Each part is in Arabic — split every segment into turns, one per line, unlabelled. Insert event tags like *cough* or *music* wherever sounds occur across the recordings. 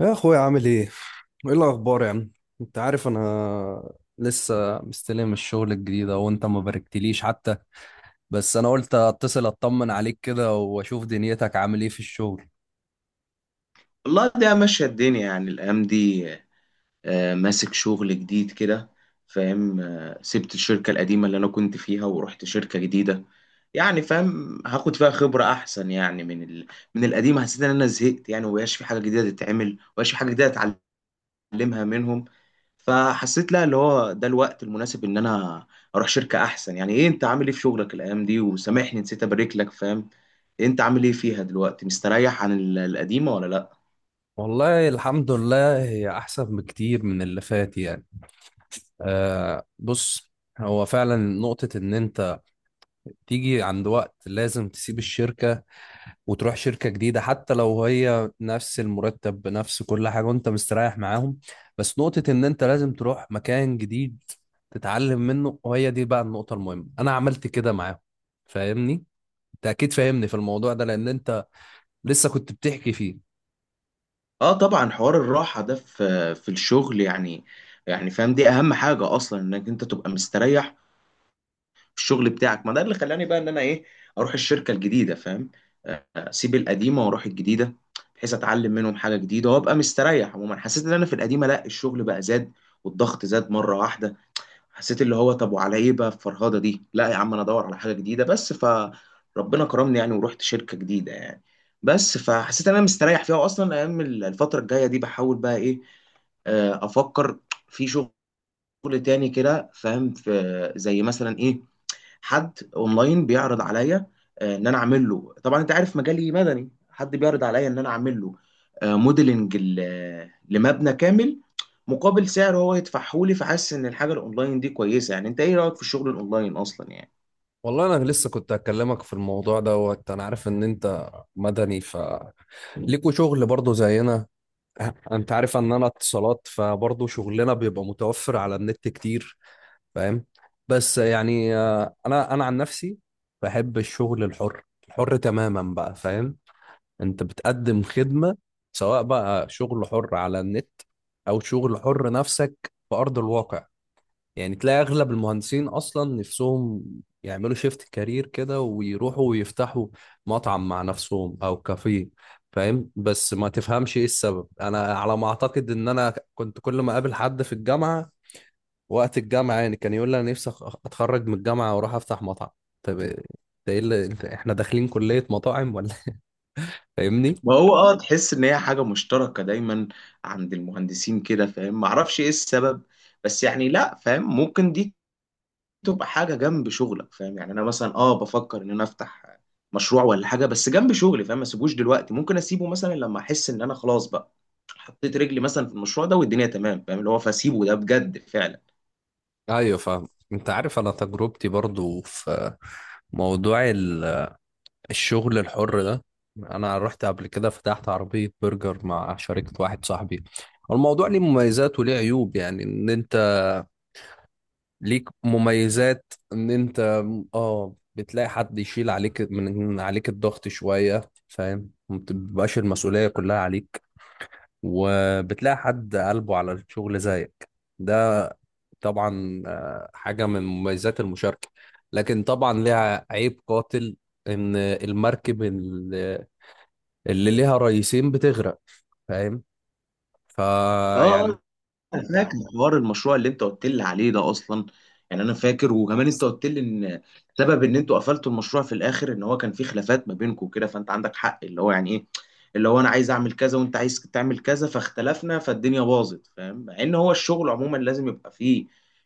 يا اخويا عامل ايه؟ ايه الاخبار يا عم؟ انت عارف انا لسه مستلم الشغل الجديد أهو، وانت ما باركتليش حتى. بس انا قلت اتصل اطمن عليك كده واشوف دنيتك عامل ايه في الشغل.
والله ده ماشية الدنيا يعني الأيام دي. ماسك شغل جديد كده. فاهم. سبت الشركة القديمة اللي أنا كنت فيها ورحت شركة جديدة. يعني فاهم هاخد فيها خبرة أحسن يعني من القديمة. حسيت إن أنا زهقت يعني ومبقاش في حاجة جديدة تتعمل ومبقاش في حاجة جديدة أتعلمها منهم. فحسيت لا، اللي هو ده الوقت المناسب إن أنا أروح شركة أحسن. يعني إيه أنت عامل إيه في شغلك الأيام دي؟ وسامحني نسيت أبارك لك. فاهم، أنت عامل إيه فيها دلوقتي؟ مستريح عن القديمة ولا لأ؟
والله الحمد لله هي احسن بكتير من اللي فات يعني. آه، بص، هو فعلا نقطة ان انت تيجي عند وقت لازم تسيب الشركة وتروح شركة جديدة حتى لو هي نفس المرتب بنفس كل حاجة وانت مستريح معاهم. بس نقطة ان انت لازم تروح مكان جديد تتعلم منه، وهي دي بقى النقطة المهمة. انا عملت كده معاهم، فاهمني؟ انت اكيد فاهمني في الموضوع ده لان انت لسه كنت بتحكي فيه.
اه طبعا، حوار الراحة ده في الشغل يعني. يعني فاهم، دي اهم حاجة اصلا، انك انت تبقى مستريح في الشغل بتاعك. ما ده اللي خلاني بقى ان انا ايه، اروح الشركة الجديدة. فاهم، اسيب القديمة واروح الجديدة، بحيث اتعلم منهم حاجة جديدة وابقى مستريح. عموما حسيت ان انا في القديمة لا، الشغل بقى زاد والضغط زاد مرة واحدة. حسيت اللي هو طب وعلى ايه بقى الفرهده دي، لا يا عم انا ادور على حاجه جديده. بس فربنا كرمني يعني ورحت شركه جديده يعني. بس فحسيت ان انا مستريح فيها. واصلا ايام الفتره الجايه دي بحاول بقى ايه، افكر في شغل تاني كده. فاهم، في زي مثلا ايه، حد اونلاين بيعرض عليا، ان انا اعمل له. طبعا انت عارف مجالي مدني، حد بيعرض عليا ان انا اعمل له، موديلنج لمبنى كامل، مقابل سعر هو يدفعه لي. فحاسس ان الحاجه الاونلاين دي كويسه. يعني انت ايه رايك في الشغل الاونلاين اصلا يعني؟
والله انا لسه كنت هكلمك في الموضوع دوت. انا عارف ان انت مدني، ف ليكوا شغل برضه زينا. انت عارف ان انا اتصالات، فبرضه شغلنا بيبقى متوفر على النت كتير، فاهم؟ بس يعني انا عن نفسي بحب الشغل الحر، الحر تماما بقى، فاهم؟ انت بتقدم خدمة سواء بقى شغل حر على النت او شغل حر نفسك في ارض الواقع. يعني تلاقي اغلب المهندسين اصلا نفسهم يعملوا شيفت كارير كده ويروحوا ويفتحوا مطعم مع نفسهم او كافيه، فاهم؟ بس ما تفهمش ايه السبب. انا على ما اعتقد ان انا كنت كل ما اقابل حد في الجامعة وقت الجامعة، يعني كان يقول لي أنا نفسي أتخرج من الجامعة وأروح أفتح مطعم. طب إيه- ده إيه اللي أنت، إحنا داخلين كلية مطاعم ولا *laughs* إيه؟ فاهمني؟
ما هو اه تحس ان هي حاجه مشتركه دايما عند المهندسين كده. فاهم، ما اعرفش ايه السبب. بس يعني لا، فاهم، ممكن دي تبقى حاجه جنب شغلك. فاهم، يعني انا مثلا اه بفكر ان انا افتح مشروع ولا حاجه، بس جنب شغلي. فاهم ما اسيبوش دلوقتي، ممكن اسيبه مثلا لما احس ان انا خلاص بقى حطيت رجلي مثلا في المشروع ده والدنيا تمام. فاهم اللي هو، فاسيبه ده بجد فعلا.
أيوه فاهم. أنت عارف أنا تجربتي برضو في موضوع الشغل الحر ده، أنا رحت قبل كده فتحت عربية برجر مع شركة واحد صاحبي. الموضوع ليه مميزات وليه عيوب. يعني إن أنت ليك مميزات ان انت اه بتلاقي حد يشيل عليك من عليك الضغط شوية، فاهم؟ ما بتبقاش المسؤولية كلها عليك، وبتلاقي حد قلبه على الشغل زيك. ده طبعا آه، حاجة من مميزات المشاركة. لكن طبعا ليها عيب قاتل، ان اللي ليها رئيسين بتغرق، فاهم؟
اه
فيعني
انا فاكر حوار المشروع اللي انت قلت لي عليه ده اصلا. يعني انا فاكر، وكمان انت قلت لي ان سبب ان انتوا قفلتوا المشروع في الاخر ان هو كان في خلافات ما بينكم كده. فانت عندك حق، اللي هو يعني ايه، اللي هو انا عايز اعمل كذا وانت عايز تعمل كذا فاختلفنا فالدنيا باظت. فاهم، مع ان هو الشغل عموما لازم يبقى فيه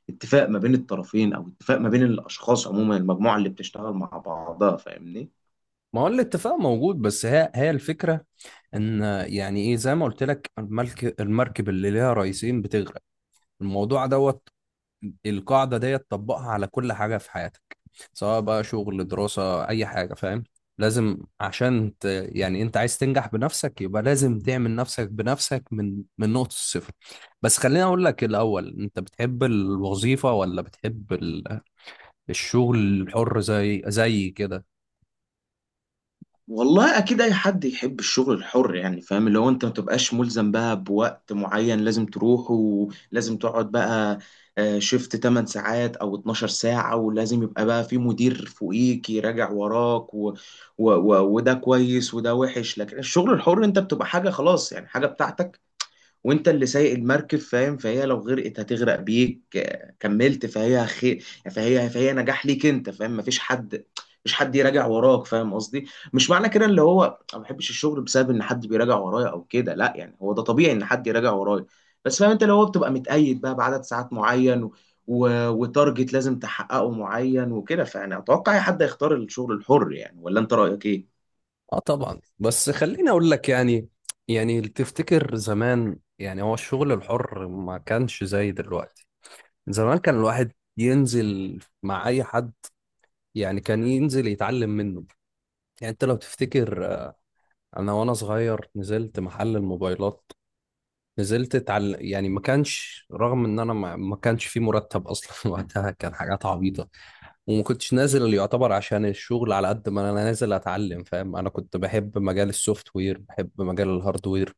اتفاق ما بين الطرفين، او اتفاق ما بين الاشخاص عموما، المجموعة اللي بتشتغل مع بعضها. فاهمني.
ما هو الاتفاق موجود. بس هي الفكرة ان يعني ايه، زي ما قلت لك، الملك المركب اللي ليها رئيسين بتغرق. الموضوع دوت، القاعدة ديت طبقها على كل حاجة في حياتك سواء بقى شغل، دراسة، اي حاجة، فاهم؟ لازم عشان يعني انت عايز تنجح بنفسك، يبقى لازم تعمل نفسك بنفسك من نقطة الصفر. بس خليني اقول لك الاول، انت بتحب الوظيفة ولا بتحب الشغل الحر زي كده؟
والله اكيد اي حد يحب الشغل الحر يعني. فاهم اللي هو، انت ما تبقاش ملزم بقى بوقت معين لازم تروحه ولازم تقعد بقى، شيفت 8 ساعات او 12 ساعة، ولازم يبقى بقى في مدير فوقيك يراجع وراك وده كويس وده وحش. لكن الشغل الحر انت بتبقى حاجة خلاص يعني حاجة بتاعتك، وانت اللي سايق المركب. فاهم، فهي لو غرقت هتغرق بيك، كملت فهي خير، فهي نجاح ليك انت. فاهم مفيش حد، مش حد يراجع وراك. فاهم قصدي، مش معنى كده اللي هو انا ما بحبش الشغل بسبب ان حد بيراجع ورايا او كده، لا يعني هو ده طبيعي ان حد يراجع ورايا. بس فاهم انت اللي هو بتبقى متقيد بقى بعدد ساعات معين وتارجت لازم تحققه معين وكده. فانا اتوقع اي حد هيختار الشغل الحر يعني، ولا انت رايك ايه؟
اه طبعا. بس خليني اقول لك يعني، يعني تفتكر زمان، يعني هو الشغل الحر ما كانش زي دلوقتي. زمان كان الواحد ينزل مع اي حد، يعني كان ينزل يتعلم منه. يعني انت لو تفتكر آه، انا وانا صغير نزلت محل الموبايلات، نزلت اتعلم. يعني ما كانش، رغم ان انا ما كانش في مرتب اصلا *laughs* وقتها، كان حاجات عبيطة. وما كنتش نازل اللي يعتبر عشان الشغل، على قد ما انا نازل اتعلم، فاهم؟ انا كنت بحب مجال السوفت وير، بحب مجال الهارد وير،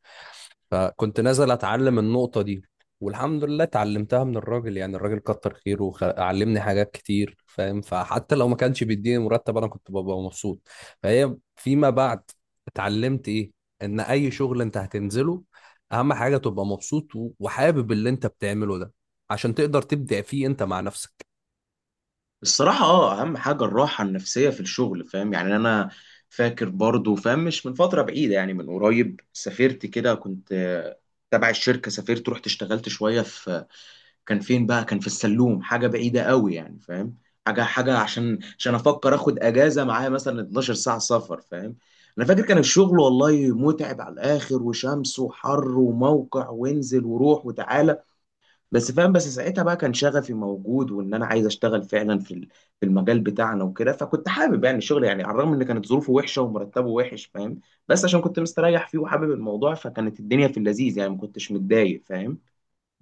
فكنت نازل اتعلم النقطة دي، والحمد لله اتعلمتها من الراجل. يعني الراجل كتر خيره وعلمني حاجات كتير، فاهم؟ فحتى لو ما كانش بيديني مرتب، انا كنت ببقى مبسوط. فهي فيما بعد اتعلمت ايه، ان اي شغل انت هتنزله اهم حاجة تبقى مبسوط وحابب اللي انت بتعمله ده، عشان تقدر تبدع فيه انت مع نفسك.
الصراحة اه أهم حاجة الراحة النفسية في الشغل. فاهم يعني أنا فاكر برضو، فاهم مش من فترة بعيدة يعني من قريب سافرت كده، كنت تبع الشركة سافرت رحت اشتغلت شوية في، كان فين بقى، كان في السلوم، حاجة بعيدة قوي يعني. فاهم، حاجة عشان أفكر آخد أجازة معايا مثلا 12 ساعة سفر. فاهم، أنا فاكر كان الشغل والله متعب على الآخر، وشمس وحر وموقع وانزل وروح وتعالى. بس فاهم، بس ساعتها بقى كان شغفي موجود وان انا عايز اشتغل فعلا في في المجال بتاعنا وكده. فكنت حابب يعني الشغل يعني، على الرغم ان كانت ظروفه وحشه ومرتبه وحش. فاهم بس عشان كنت مستريح فيه وحابب الموضوع، فكانت الدنيا في اللذيذ يعني ما كنتش متضايق. فاهم،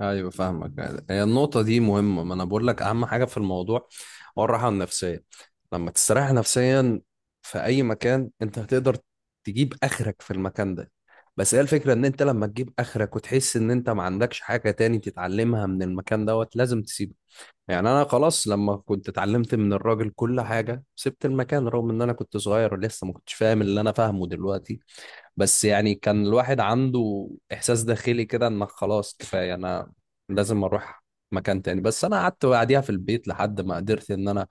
ايوه فاهمك. هي النقطه دي مهمه. ما انا بقول لك اهم حاجه في الموضوع هو الراحه النفسيه. لما تستريح نفسيا في اي مكان، انت هتقدر تجيب اخرك في المكان ده. بس هي الفكره ان انت لما تجيب اخرك وتحس ان انت ما عندكش حاجه تاني تتعلمها من المكان دوت، لازم تسيبه. يعني انا خلاص لما كنت اتعلمت من الراجل كل حاجه سبت المكان، رغم ان انا كنت صغير ولسه ما كنتش فاهم اللي انا فاهمه دلوقتي. بس يعني كان الواحد عنده إحساس داخلي كده إنك خلاص كفاية، أنا لازم أروح مكان تاني. بس أنا قعدت بعديها في البيت لحد ما قدرت إن أنا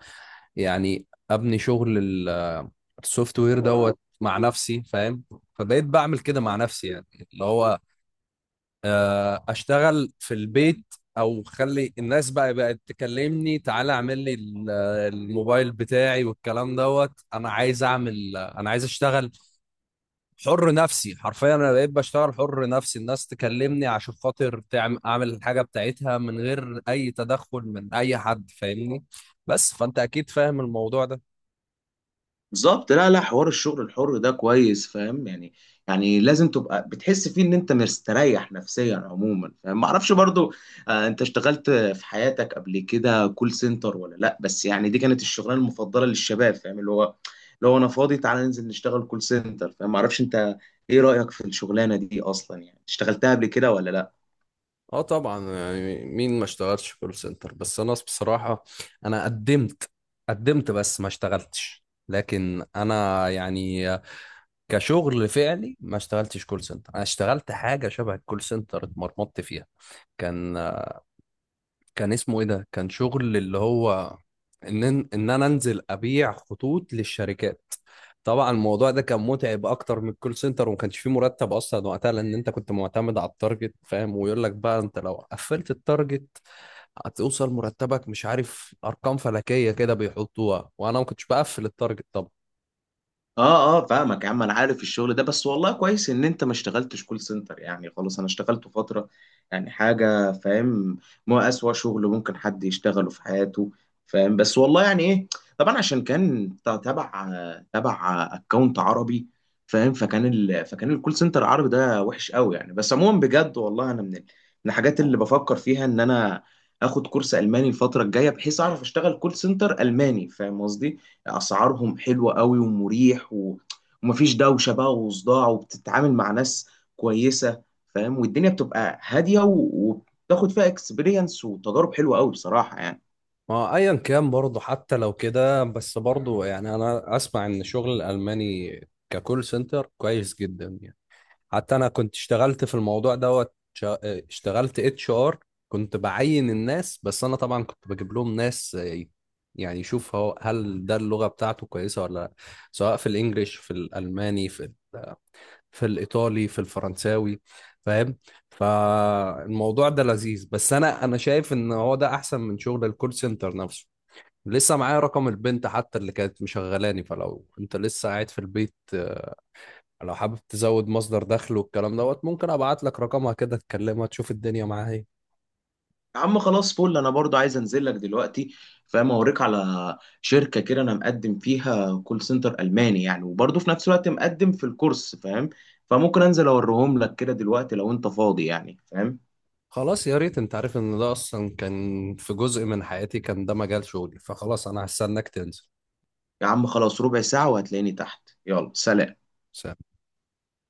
يعني أبني شغل السوفت وير دوت مع نفسي، فاهم؟ فبقيت بعمل كده مع نفسي، يعني اللي هو آه، أشتغل في البيت أو خلي الناس بقى بقت تكلمني تعالى اعمل لي الموبايل بتاعي والكلام دوت. أنا عايز أعمل، أنا عايز أشتغل حر نفسي. حرفيا انا بقيت بشتغل حر نفسي، الناس تكلمني عشان خاطر تعمل، اعمل الحاجه بتاعتها من غير اي تدخل من اي حد، فاهمني؟ بس فانت اكيد فاهم الموضوع ده.
بالظبط. لا لا، حوار الشغل الحر ده كويس. فاهم يعني، يعني لازم تبقى بتحس فيه ان انت مستريح نفسيا عموما. فاهم، ما اعرفش برضو آه، انت اشتغلت في حياتك قبل كده كول سنتر ولا لا؟ بس يعني دي كانت الشغلانه المفضله للشباب. فاهم اللي هو، اللي هو انا فاضي تعالى ننزل نشتغل كول سنتر. فاهم ما اعرفش انت ايه رايك في الشغلانه دي اصلا يعني، اشتغلتها قبل كده ولا لا؟
اه طبعا، يعني مين ما اشتغلش كول سنتر. بس انا بصراحة انا قدمت بس ما اشتغلتش. لكن انا يعني كشغل فعلي ما اشتغلتش كول سنتر. انا اشتغلت حاجة شبه الكول سنتر اتمرمطت فيها. كان كان اسمه ايه ده، كان شغل اللي هو ان ان انا انزل ابيع خطوط للشركات. طبعا الموضوع ده كان متعب اكتر من الكول سنتر، وما كانش فيه مرتب اصلا وقتها لان انت كنت معتمد على التارجت، فاهم؟ ويقول لك بقى انت لو قفلت التارجت هتوصل مرتبك مش عارف، ارقام فلكيه كده بيحطوها، وانا ما كنتش بقفل التارجت طبعا.
اه اه فاهمك يا عم، انا عارف الشغل ده. بس والله كويس ان انت ما اشتغلتش كول سنتر يعني. خلاص انا اشتغلت فترة يعني حاجة. فاهم، ما اسوأ شغل ممكن حد يشتغله في حياته. فاهم، بس والله يعني ايه، طبعا عشان كان تبع اكونت عربي. فاهم، فكان الكول سنتر العربي ده وحش قوي يعني. بس عموما بجد والله انا من من الحاجات اللي بفكر فيها ان انا اخد كورس الماني الفترة الجاية، بحيث اعرف اشتغل كول سنتر الماني. فاهم قصدي، اسعارهم حلوه قوي ومريح ومفيش دوشه بقى وصداع، وبتتعامل مع ناس كويسه. فاهم، والدنيا بتبقى هاديه وبتاخد فيها اكسبيرينس وتجارب حلوه قوي بصراحه يعني.
ما ايا كان برضه، حتى لو كده، بس برضه يعني انا اسمع ان شغل الالماني ككول سنتر كويس جدا يعني. حتى انا كنت اشتغلت في الموضوع دوت، اشتغلت اتش ار، كنت بعين الناس. بس انا طبعا كنت بجيب لهم ناس آه، يعني يشوف هو هل ده اللغة بتاعته كويسة ولا لا، سواء في الانجليش، في الالماني، في الايطالي، في الفرنساوي، فاهم؟ فالموضوع ده لذيذ، بس انا شايف ان هو ده احسن من شغل الكول سنتر نفسه. لسه معايا رقم البنت حتى اللي كانت مشغلاني، فلو انت لسه قاعد في البيت، لو حابب تزود مصدر دخل والكلام دوت، ممكن ابعت لك رقمها كده تكلمها تشوف الدنيا معاها ايه.
يا عم خلاص فل، انا برضو عايز انزل لك دلوقتي. فاهم اوريك على شركه كده انا مقدم فيها كول سنتر الماني يعني، وبرضو في نفس الوقت مقدم في الكورس. فاهم، فممكن انزل اوريهم لك كده دلوقتي لو انت فاضي يعني. فاهم،
خلاص يا ريت. انت عارف ان ده اصلا كان في جزء من حياتي، كان ده مجال شغلي. فخلاص انا هستناك تنزل.
يا عم خلاص، ربع ساعه وهتلاقيني تحت. يلا سلام.
سلام.